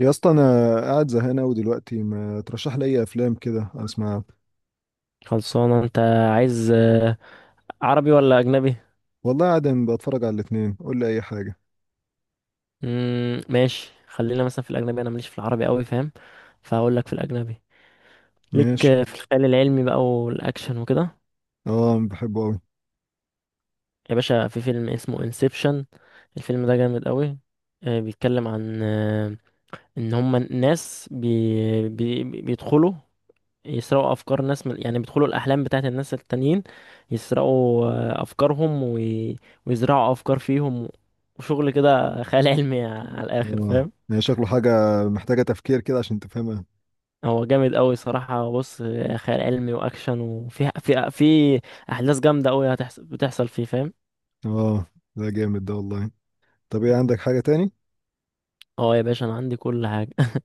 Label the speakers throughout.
Speaker 1: يا اسطى، انا قاعد زهقان قوي دلوقتي. ما ترشح لي اي افلام كده اسمعها؟
Speaker 2: خلصانة انت عايز عربي ولا اجنبي؟
Speaker 1: والله قاعد بتفرج على الاتنين. قول لي اي حاجه.
Speaker 2: ماشي. خلينا مثلا في الاجنبي، انا ماليش في العربي قوي، فاهم؟ فهقول لك في الاجنبي. ليك
Speaker 1: ماشي.
Speaker 2: في الخيال العلمي بقى والاكشن وكده.
Speaker 1: اه، بحبه قوي.
Speaker 2: يا باشا، في فيلم اسمه انسبشن. الفيلم ده جامد قوي. بيتكلم عن ان هما ناس بي بي بيدخلوا يسرقوا افكار ناس من، يعني بيدخلوا الاحلام بتاعت الناس التانيين، يسرقوا افكارهم ويزرعوا افكار فيهم، وشغل كده خيال علمي على الاخر،
Speaker 1: اه
Speaker 2: فاهم؟
Speaker 1: يعني شكله حاجه محتاجه تفكير كده عشان تفهمها.
Speaker 2: هو جامد قوي صراحة. بص، خيال علمي واكشن، وفي في في احداث جامدة قوي هتحصل، بتحصل فيه، فاهم؟
Speaker 1: اه، ده جامد ده والله. طب ايه، عندك حاجه تاني؟
Speaker 2: اه يا باشا، انا عندي كل حاجة.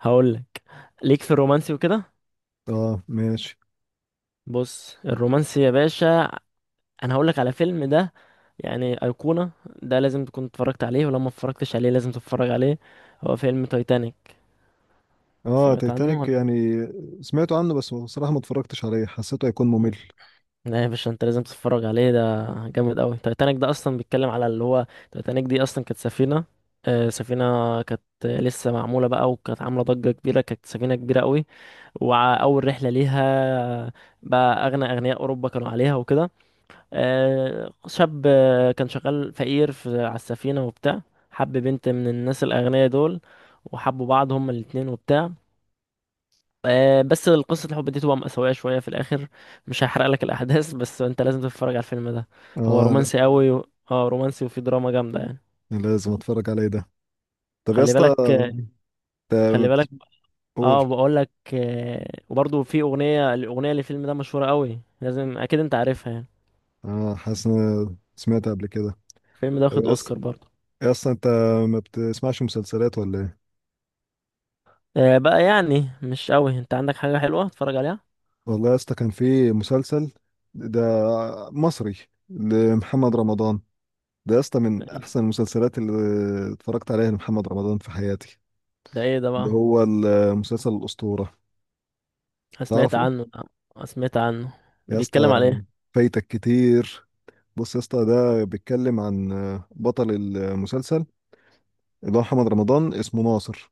Speaker 2: هقول لك. ليك في الرومانسي وكده.
Speaker 1: اه، ماشي.
Speaker 2: بص، الرومانسي يا باشا، انا هقول لك على فيلم ده يعني ايقونه. ده لازم تكون اتفرجت عليه، ولو ما اتفرجتش عليه لازم تتفرج عليه. هو فيلم تايتانيك.
Speaker 1: اه،
Speaker 2: سمعت عنه
Speaker 1: تايتانيك
Speaker 2: ولا؟
Speaker 1: يعني؟ سمعت عنه بس بصراحه ما اتفرجتش عليه. حسيته هيكون ممل.
Speaker 2: لا يا باشا، انت لازم تتفرج عليه، ده جامد قوي. تايتانيك ده اصلا بيتكلم على اللي هو، تايتانيك دي اصلا كانت سفينه، سفينه كانت لسه معموله بقى، وكانت عامله ضجه كبيره، كانت سفينه كبيره قوي. واول رحله ليها بقى، اغنى اغنياء اوروبا كانوا عليها وكده. شاب كان شغال فقير في، على السفينة وبتاع. حب بنت من الناس الأغنياء دول، وحبوا بعض هما الاتنين وبتاع. بس قصة الحب دي تبقى مأساوية شوية في الآخر. مش هحرق لك الأحداث، بس أنت لازم تتفرج على الفيلم ده. هو
Speaker 1: اه لا،
Speaker 2: رومانسي قوي اه، رومانسي وفيه دراما جامدة يعني.
Speaker 1: لازم اتفرج عليه ده. طب يا
Speaker 2: خلي
Speaker 1: اسطى،
Speaker 2: بالك، خلي
Speaker 1: انت
Speaker 2: بالك.
Speaker 1: بتقول.
Speaker 2: اه، بقول لك، وبرضه في أغنية، الأغنية للفيلم ده مشهورة قوي، لازم أكيد أنت عارفها يعني.
Speaker 1: اه، حاسس إن أنا سمعت قبل كده.
Speaker 2: الفيلم ده
Speaker 1: طب
Speaker 2: واخد
Speaker 1: يا اسطى،
Speaker 2: أوسكار برضه.
Speaker 1: يا اسطى انت ما بتسمعش مسلسلات ولا ايه؟
Speaker 2: بقى يعني مش قوي. أنت عندك حاجة حلوة تتفرج عليها؟
Speaker 1: والله يا اسطى كان في مسلسل. ده مصري لمحمد رمضان. ده يا اسطى
Speaker 2: ده.
Speaker 1: من احسن المسلسلات اللي اتفرجت عليها لمحمد رمضان في حياتي.
Speaker 2: ايه ده
Speaker 1: اللي
Speaker 2: بقى؟
Speaker 1: هو المسلسل الأسطورة.
Speaker 2: أنا سمعت
Speaker 1: تعرفه؟
Speaker 2: عنه. أنا سمعت عنه.
Speaker 1: يا
Speaker 2: بيتكلم
Speaker 1: اسطى،
Speaker 2: على ايه؟
Speaker 1: فايتك كتير. بص يا اسطى، ده بيتكلم عن بطل المسلسل اللي هو محمد رمضان اسمه ناصر.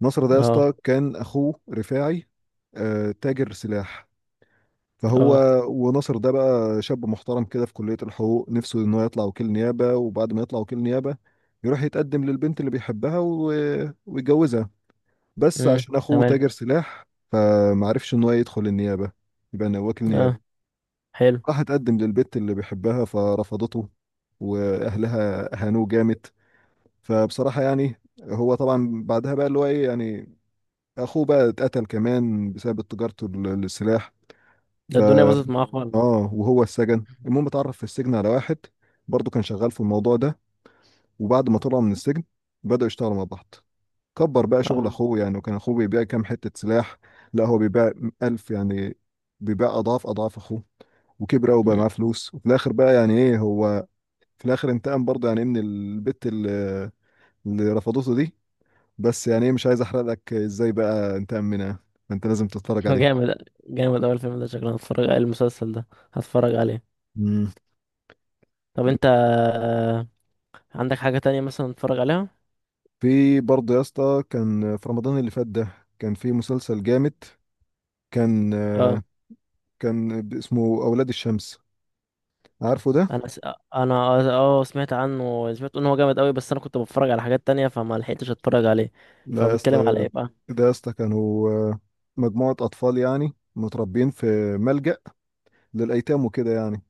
Speaker 1: ناصر ده يا
Speaker 2: اه.
Speaker 1: اسطى كان اخوه رفاعي تاجر سلاح. فهو،
Speaker 2: اه.
Speaker 1: وناصر ده بقى شاب محترم كده في كلية الحقوق، نفسه ان هو يطلع وكيل نيابة. وبعد ما يطلع وكيل نيابة يروح يتقدم للبنت اللي بيحبها ويتجوزها. بس
Speaker 2: امم.
Speaker 1: عشان اخوه
Speaker 2: تمام.
Speaker 1: تاجر سلاح فمعرفش ان هو يدخل النيابة. يبقى أنا وكيل
Speaker 2: اه.
Speaker 1: نيابة.
Speaker 2: حلو.
Speaker 1: راح اتقدم للبنت اللي بيحبها فرفضته، واهلها هانوه جامد. فبصراحة يعني هو طبعا بعدها بقى اللي هو ايه يعني، اخوه بقى اتقتل كمان بسبب تجارته للسلاح.
Speaker 2: ده
Speaker 1: ف
Speaker 2: الدنيا باظت معاه خالص.
Speaker 1: اه وهو السجن. المهم اتعرف في السجن على واحد برضه كان شغال في الموضوع ده. وبعد ما طلع من السجن بدأوا يشتغلوا مع بعض. كبر بقى شغل
Speaker 2: اه.
Speaker 1: اخوه يعني، وكان اخوه بيبيع كام حتة سلاح. لا، هو بيبيع ألف يعني، بيبيع أضعاف أضعاف أخوه. وكبر أوي وبقى
Speaker 2: أمم.
Speaker 1: معاه فلوس، وفي الآخر بقى يعني إيه هو. في الآخر انتقم برضه يعني من البت اللي رفضته دي. بس يعني إيه، مش عايز أحرق لك إزاي بقى انتقم منها. فأنت لازم تتفرج عليه.
Speaker 2: جامد جامد. اول فيلم، ده شكلنا هتفرج على المسلسل ده، هتفرج عليه.
Speaker 1: مم.
Speaker 2: طب انت، عندك حاجة تانية مثلا نتفرج عليها؟
Speaker 1: في برضه يا اسطى، كان في رمضان اللي فات ده كان في مسلسل جامد. كان
Speaker 2: اه.
Speaker 1: آه، كان اسمه أولاد الشمس. عارفه ده؟
Speaker 2: انا س... انا اه، سمعت عنه، سمعت ان هو جامد قوي، بس انا كنت بتفرج على حاجات تانية فما لحقتش اتفرج عليه.
Speaker 1: ده يا
Speaker 2: فبيتكلم على
Speaker 1: اسطى
Speaker 2: ايه بقى؟
Speaker 1: ده يا اسطى كانوا مجموعة أطفال يعني، متربيين في ملجأ للأيتام وكده يعني.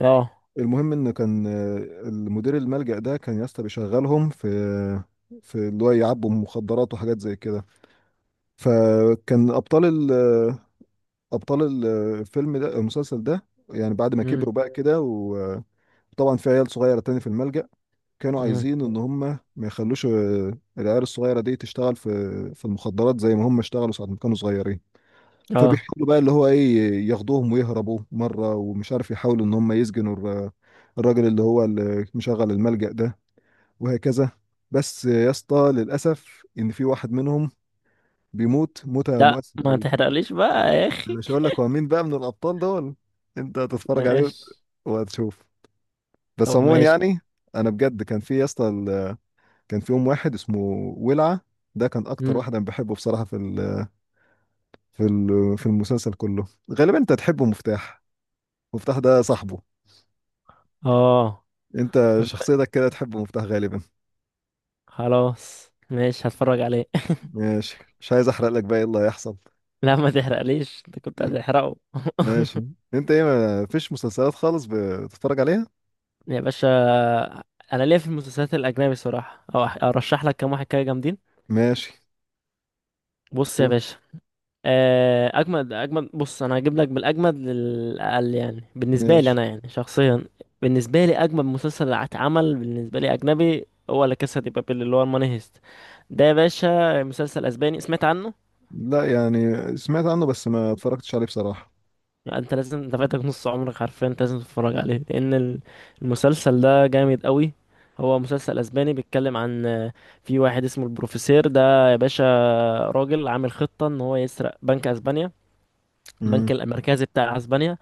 Speaker 2: اه.
Speaker 1: المهم إن كان، المدير الملجأ ده كان يا اسطى بيشغلهم في اللي هو يعبوا مخدرات وحاجات زي كده. فكان أبطال الفيلم ده المسلسل ده يعني بعد ما
Speaker 2: امم.
Speaker 1: كبروا بقى كده. طبعا في عيال صغيرة تاني في الملجأ، كانوا
Speaker 2: امم.
Speaker 1: عايزين إن هم ما يخلوش العيال الصغيرة دي تشتغل في المخدرات زي ما هم اشتغلوا ساعة ما كانوا صغيرين.
Speaker 2: اه.
Speaker 1: فبيحاولوا بقى اللي هو إيه، ياخدوهم ويهربوا مرة، ومش عارف يحاولوا إن هم يسجنوا الراجل اللي هو اللي مشغل الملجأ ده وهكذا. بس يا اسطى، للأسف إن في واحد منهم بيموت موتة
Speaker 2: لا
Speaker 1: مؤثرة
Speaker 2: ما
Speaker 1: أوي.
Speaker 2: تحرقليش بقى يا
Speaker 1: أنا
Speaker 2: اخي.
Speaker 1: مش هقول لك هو مين بقى من الأبطال دول. أنت هتتفرج عليه
Speaker 2: ماشي.
Speaker 1: وهتشوف. بس
Speaker 2: طب
Speaker 1: عموما
Speaker 2: ماشي.
Speaker 1: يعني، انا بجد كان في يا اسطى، كان في يوم واحد اسمه ولعة. ده كان اكتر
Speaker 2: مم.
Speaker 1: واحد انا بحبه بصراحة في المسلسل كله. غالبا انت تحبه مفتاح. مفتاح ده صاحبه.
Speaker 2: اه.
Speaker 1: انت
Speaker 2: طب
Speaker 1: شخصيتك كده تحبه مفتاح غالبا.
Speaker 2: خلاص ماشي، هتفرج عليه.
Speaker 1: ماشي، مش عايز احرق لك بقى ايه اللي هيحصل.
Speaker 2: لا ما تحرقليش، انت كنت هتحرقه.
Speaker 1: ماشي. انت ايه، ما فيش مسلسلات خالص بتتفرج عليها؟
Speaker 2: يا باشا، انا ليا في المسلسلات الاجنبي صراحه، او ارشح لك كام واحد كده جامدين.
Speaker 1: ماشي،
Speaker 2: بص يا
Speaker 1: قول.
Speaker 2: باشا، اجمد اجمد. بص انا هجيب لك بالاجمد للاقل يعني بالنسبه لي
Speaker 1: ماشي.
Speaker 2: انا يعني شخصيا. بالنسبه لي اجمد مسلسل اتعمل بالنسبه لي اجنبي هو لا كاسا دي بابيل، اللي هو الماني هيست. ده يا باشا مسلسل اسباني، سمعت عنه؟
Speaker 1: لا يعني، سمعت عنه بس ما اتفرجتش عليه بصراحة.
Speaker 2: يعني انت لازم، انت فاتك نص عمرك حرفيا، انت لازم تتفرج عليه، لان المسلسل ده جامد قوي. هو مسلسل اسباني بيتكلم عن، في واحد اسمه البروفيسير، ده يا باشا راجل عامل خطه ان هو يسرق بنك اسبانيا، البنك
Speaker 1: امم
Speaker 2: المركزي بتاع اسبانيا.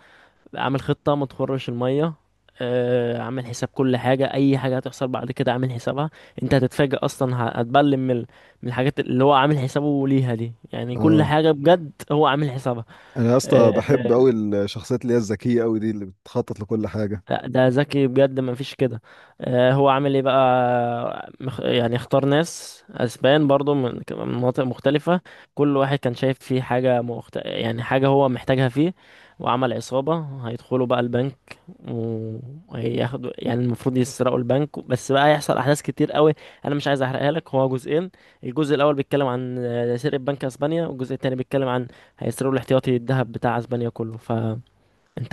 Speaker 2: عامل خطة ما تخرش المية. عامل حساب كل حاجة، أي حاجة هتحصل بعد كده عامل حسابها. أنت هتتفاجأ أصلا، هتبلم من من الحاجات اللي هو عامل حسابه ليها دي، يعني كل
Speaker 1: اه
Speaker 2: حاجة بجد هو عامل حسابها.
Speaker 1: انا يا
Speaker 2: آه،
Speaker 1: اسطى بحب قوي الشخصيات اللي هي الذكية قوي دي اللي بتخطط لكل حاجة.
Speaker 2: لا ده ذكي بجد، ما فيش كده. هو عامل ايه بقى يعني اختار ناس اسبان برضو من من مناطق مختلفة، كل واحد كان شايف فيه حاجة يعني حاجة هو محتاجها فيه. وعمل عصابة هيدخلوا بقى البنك، وهياخدوا يعني، المفروض يسرقوا البنك، بس بقى هيحصل احداث كتير قوي. انا مش عايز احرقها لك. هو جزئين، الجزء الاول بيتكلم عن، سرقة بنك اسبانيا، والجزء التاني بيتكلم عن، هيسرقوا الاحتياطي الذهب بتاع اسبانيا كله. فانت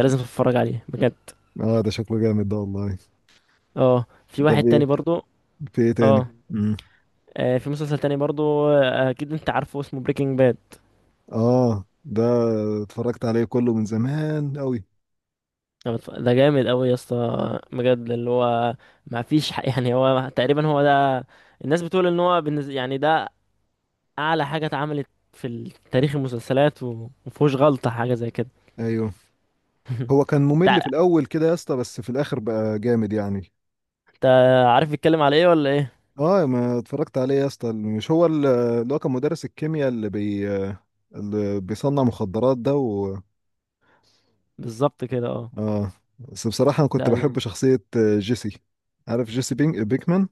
Speaker 2: لازم تتفرج عليه بجد.
Speaker 1: اه، ده شكله جامد ده والله.
Speaker 2: اه، في واحد
Speaker 1: طب ايه،
Speaker 2: تاني برضو.
Speaker 1: في ايه تاني؟
Speaker 2: اه،
Speaker 1: مم.
Speaker 2: في مسلسل تاني برضو، اكيد انت عارفه، اسمه بريكنج باد.
Speaker 1: اه، ده اتفرجت عليه كله من زمان قوي.
Speaker 2: ده جامد قوي يا اسطى، بجد. اللي هو ما فيش حق، يعني هو تقريبا هو ده. الناس بتقول ان هو بالنسبة يعني، ده اعلى حاجة اتعملت في تاريخ المسلسلات، ومفهوش غلطة حاجة زي كده.
Speaker 1: ايوه، هو كان ممل
Speaker 2: تع-
Speaker 1: في الاول كده يا اسطى، بس في الاخر بقى جامد يعني.
Speaker 2: انت عارف بيتكلم على ايه ولا ايه؟
Speaker 1: اه، ما اتفرجت عليه يا اسطى. مش هو اللي هو كان مدرس الكيمياء اللي بيصنع مخدرات ده
Speaker 2: بالظبط كده، اه.
Speaker 1: اه، بس بصراحة انا كنت
Speaker 2: لا
Speaker 1: بحب
Speaker 2: لا.
Speaker 1: شخصية جيسي. عارف جيسي بينج بيكمان؟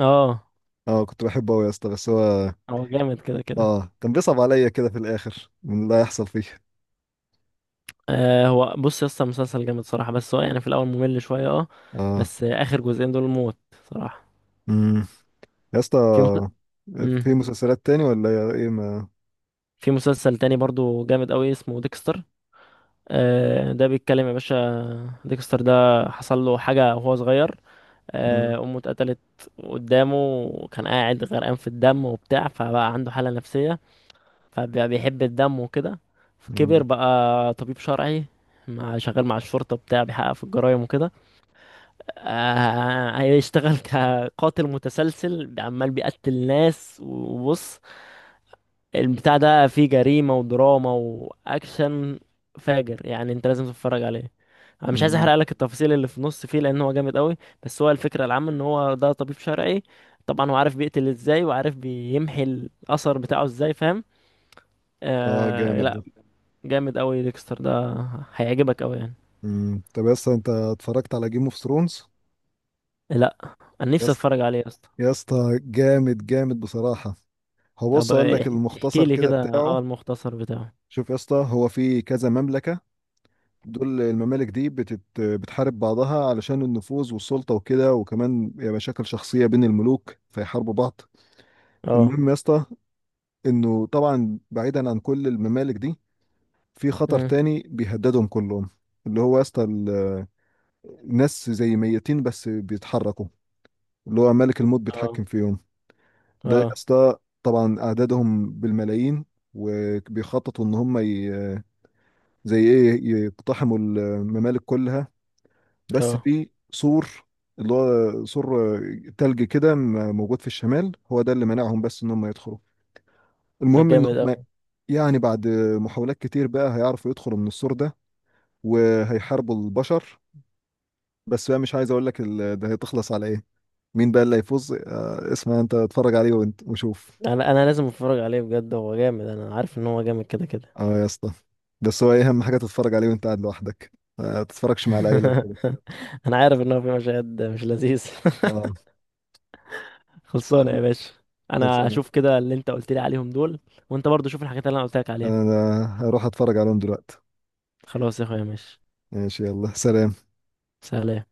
Speaker 2: اه،
Speaker 1: اه، كنت بحبه قوي يا اسطى. بس هو
Speaker 2: هو جامد كده كده.
Speaker 1: اه كان بيصعب عليا كده في الاخر من اللي هيحصل فيه.
Speaker 2: آه، هو بص يا اسطى، مسلسل جامد صراحة، بس هو يعني في الأول ممل شوية، اه. بس آه، آخر جزئين دول موت صراحة.
Speaker 1: اه يا اسطى،
Speaker 2: في مس... مم.
Speaker 1: في مسلسلات تاني ولا يا ايه ما؟
Speaker 2: في مسلسل تاني برضو جامد أوي، اسمه ديكستر. آه، ده بيتكلم يا باشا. ديكستر ده حصل له حاجة وهو صغير،
Speaker 1: مم.
Speaker 2: آه، أمه اتقتلت قدامه، وكان قاعد غرقان في الدم وبتاع، فبقى عنده حالة نفسية، فبقى بيحب الدم وكده. فكبر
Speaker 1: مم.
Speaker 2: بقى طبيب شرعي، مع، شغال مع الشرطة بتاع بيحقق في الجرايم وكده. هيشتغل كقاتل متسلسل، عمال بيقتل ناس. وبص، البتاع ده فيه جريمة ودراما وأكشن، فاجر يعني، انت لازم تتفرج عليه. انا مش عايز
Speaker 1: مم.
Speaker 2: احرق لك التفاصيل اللي في النص فيه، لان هو جامد قوي. بس هو الفكرة العامة ان هو ده طبيب شرعي، طبعا هو عارف بيقتل ازاي، وعارف بيمحي الاثر بتاعه ازاي، فاهم؟
Speaker 1: اه،
Speaker 2: آه.
Speaker 1: جامد ده.
Speaker 2: لا، جامد قوي ديكستر ده، هيعجبك قوي يعني.
Speaker 1: مم. طب يا اسطى، انت اتفرجت على جيم اوف ثرونز؟
Speaker 2: لا، انا
Speaker 1: يا
Speaker 2: نفسي
Speaker 1: اسطى،
Speaker 2: اتفرج عليه.
Speaker 1: يا اسطى، جامد جامد بصراحة. هو
Speaker 2: طب،
Speaker 1: بص اقول لك
Speaker 2: احكي
Speaker 1: المختصر
Speaker 2: لي
Speaker 1: كده
Speaker 2: كده اه
Speaker 1: بتاعه.
Speaker 2: المختصر بتاعه.
Speaker 1: شوف يا اسطى، هو في كذا مملكة. دول الممالك دي بتحارب بعضها علشان النفوذ والسلطة وكده، وكمان يا مشاكل شخصية بين الملوك، فيحاربوا بعض.
Speaker 2: اه.
Speaker 1: المهم يا اسطى، انه طبعا بعيدا عن كل الممالك دي، في خطر
Speaker 2: مم.
Speaker 1: تاني بيهددهم كلهم. اللي هو يا اسطى الناس زي ميتين بس بيتحركوا. اللي هو ملك الموت
Speaker 2: اه.
Speaker 1: بيتحكم فيهم. ده يا
Speaker 2: اه.
Speaker 1: اسطى، طبعا اعدادهم بالملايين. وبيخططوا ان هم زي ايه يقتحموا الممالك كلها. بس
Speaker 2: اه.
Speaker 1: في سور. اللي هو سور تلج كده موجود في الشمال. هو ده اللي منعهم بس ان هم يدخلوا.
Speaker 2: ده
Speaker 1: المهم ان
Speaker 2: جامد
Speaker 1: هم،
Speaker 2: اوي.
Speaker 1: يعني بعد محاولات كتير بقى هيعرفوا يدخلوا من السور ده وهيحاربوا البشر. بس بقى مش عايز اقول لك ده هتخلص على ايه، مين بقى اللي هيفوز. اسمع انت اتفرج عليه وانت وشوف.
Speaker 2: انا لازم اتفرج عليه بجد، هو جامد، انا عارف ان هو جامد كده كده.
Speaker 1: اه يا اسطى، بس هو ايه، اهم حاجه تتفرج عليه وانت قاعد لوحدك. ما تتفرجش مع العيله وكده.
Speaker 2: انا عارف ان هو في مشاهد مش لذيذ.
Speaker 1: اه،
Speaker 2: خلصانه يا باشا، انا
Speaker 1: خلصانه.
Speaker 2: هشوف كده اللي انت قلت لي عليهم دول. وانت برضو شوف الحاجات اللي انا قلت لك عليها.
Speaker 1: انا هروح اتفرج عليهم دلوقتي.
Speaker 2: خلاص يا اخويا، ماشي.
Speaker 1: ماشي، يلا سلام.
Speaker 2: سلام.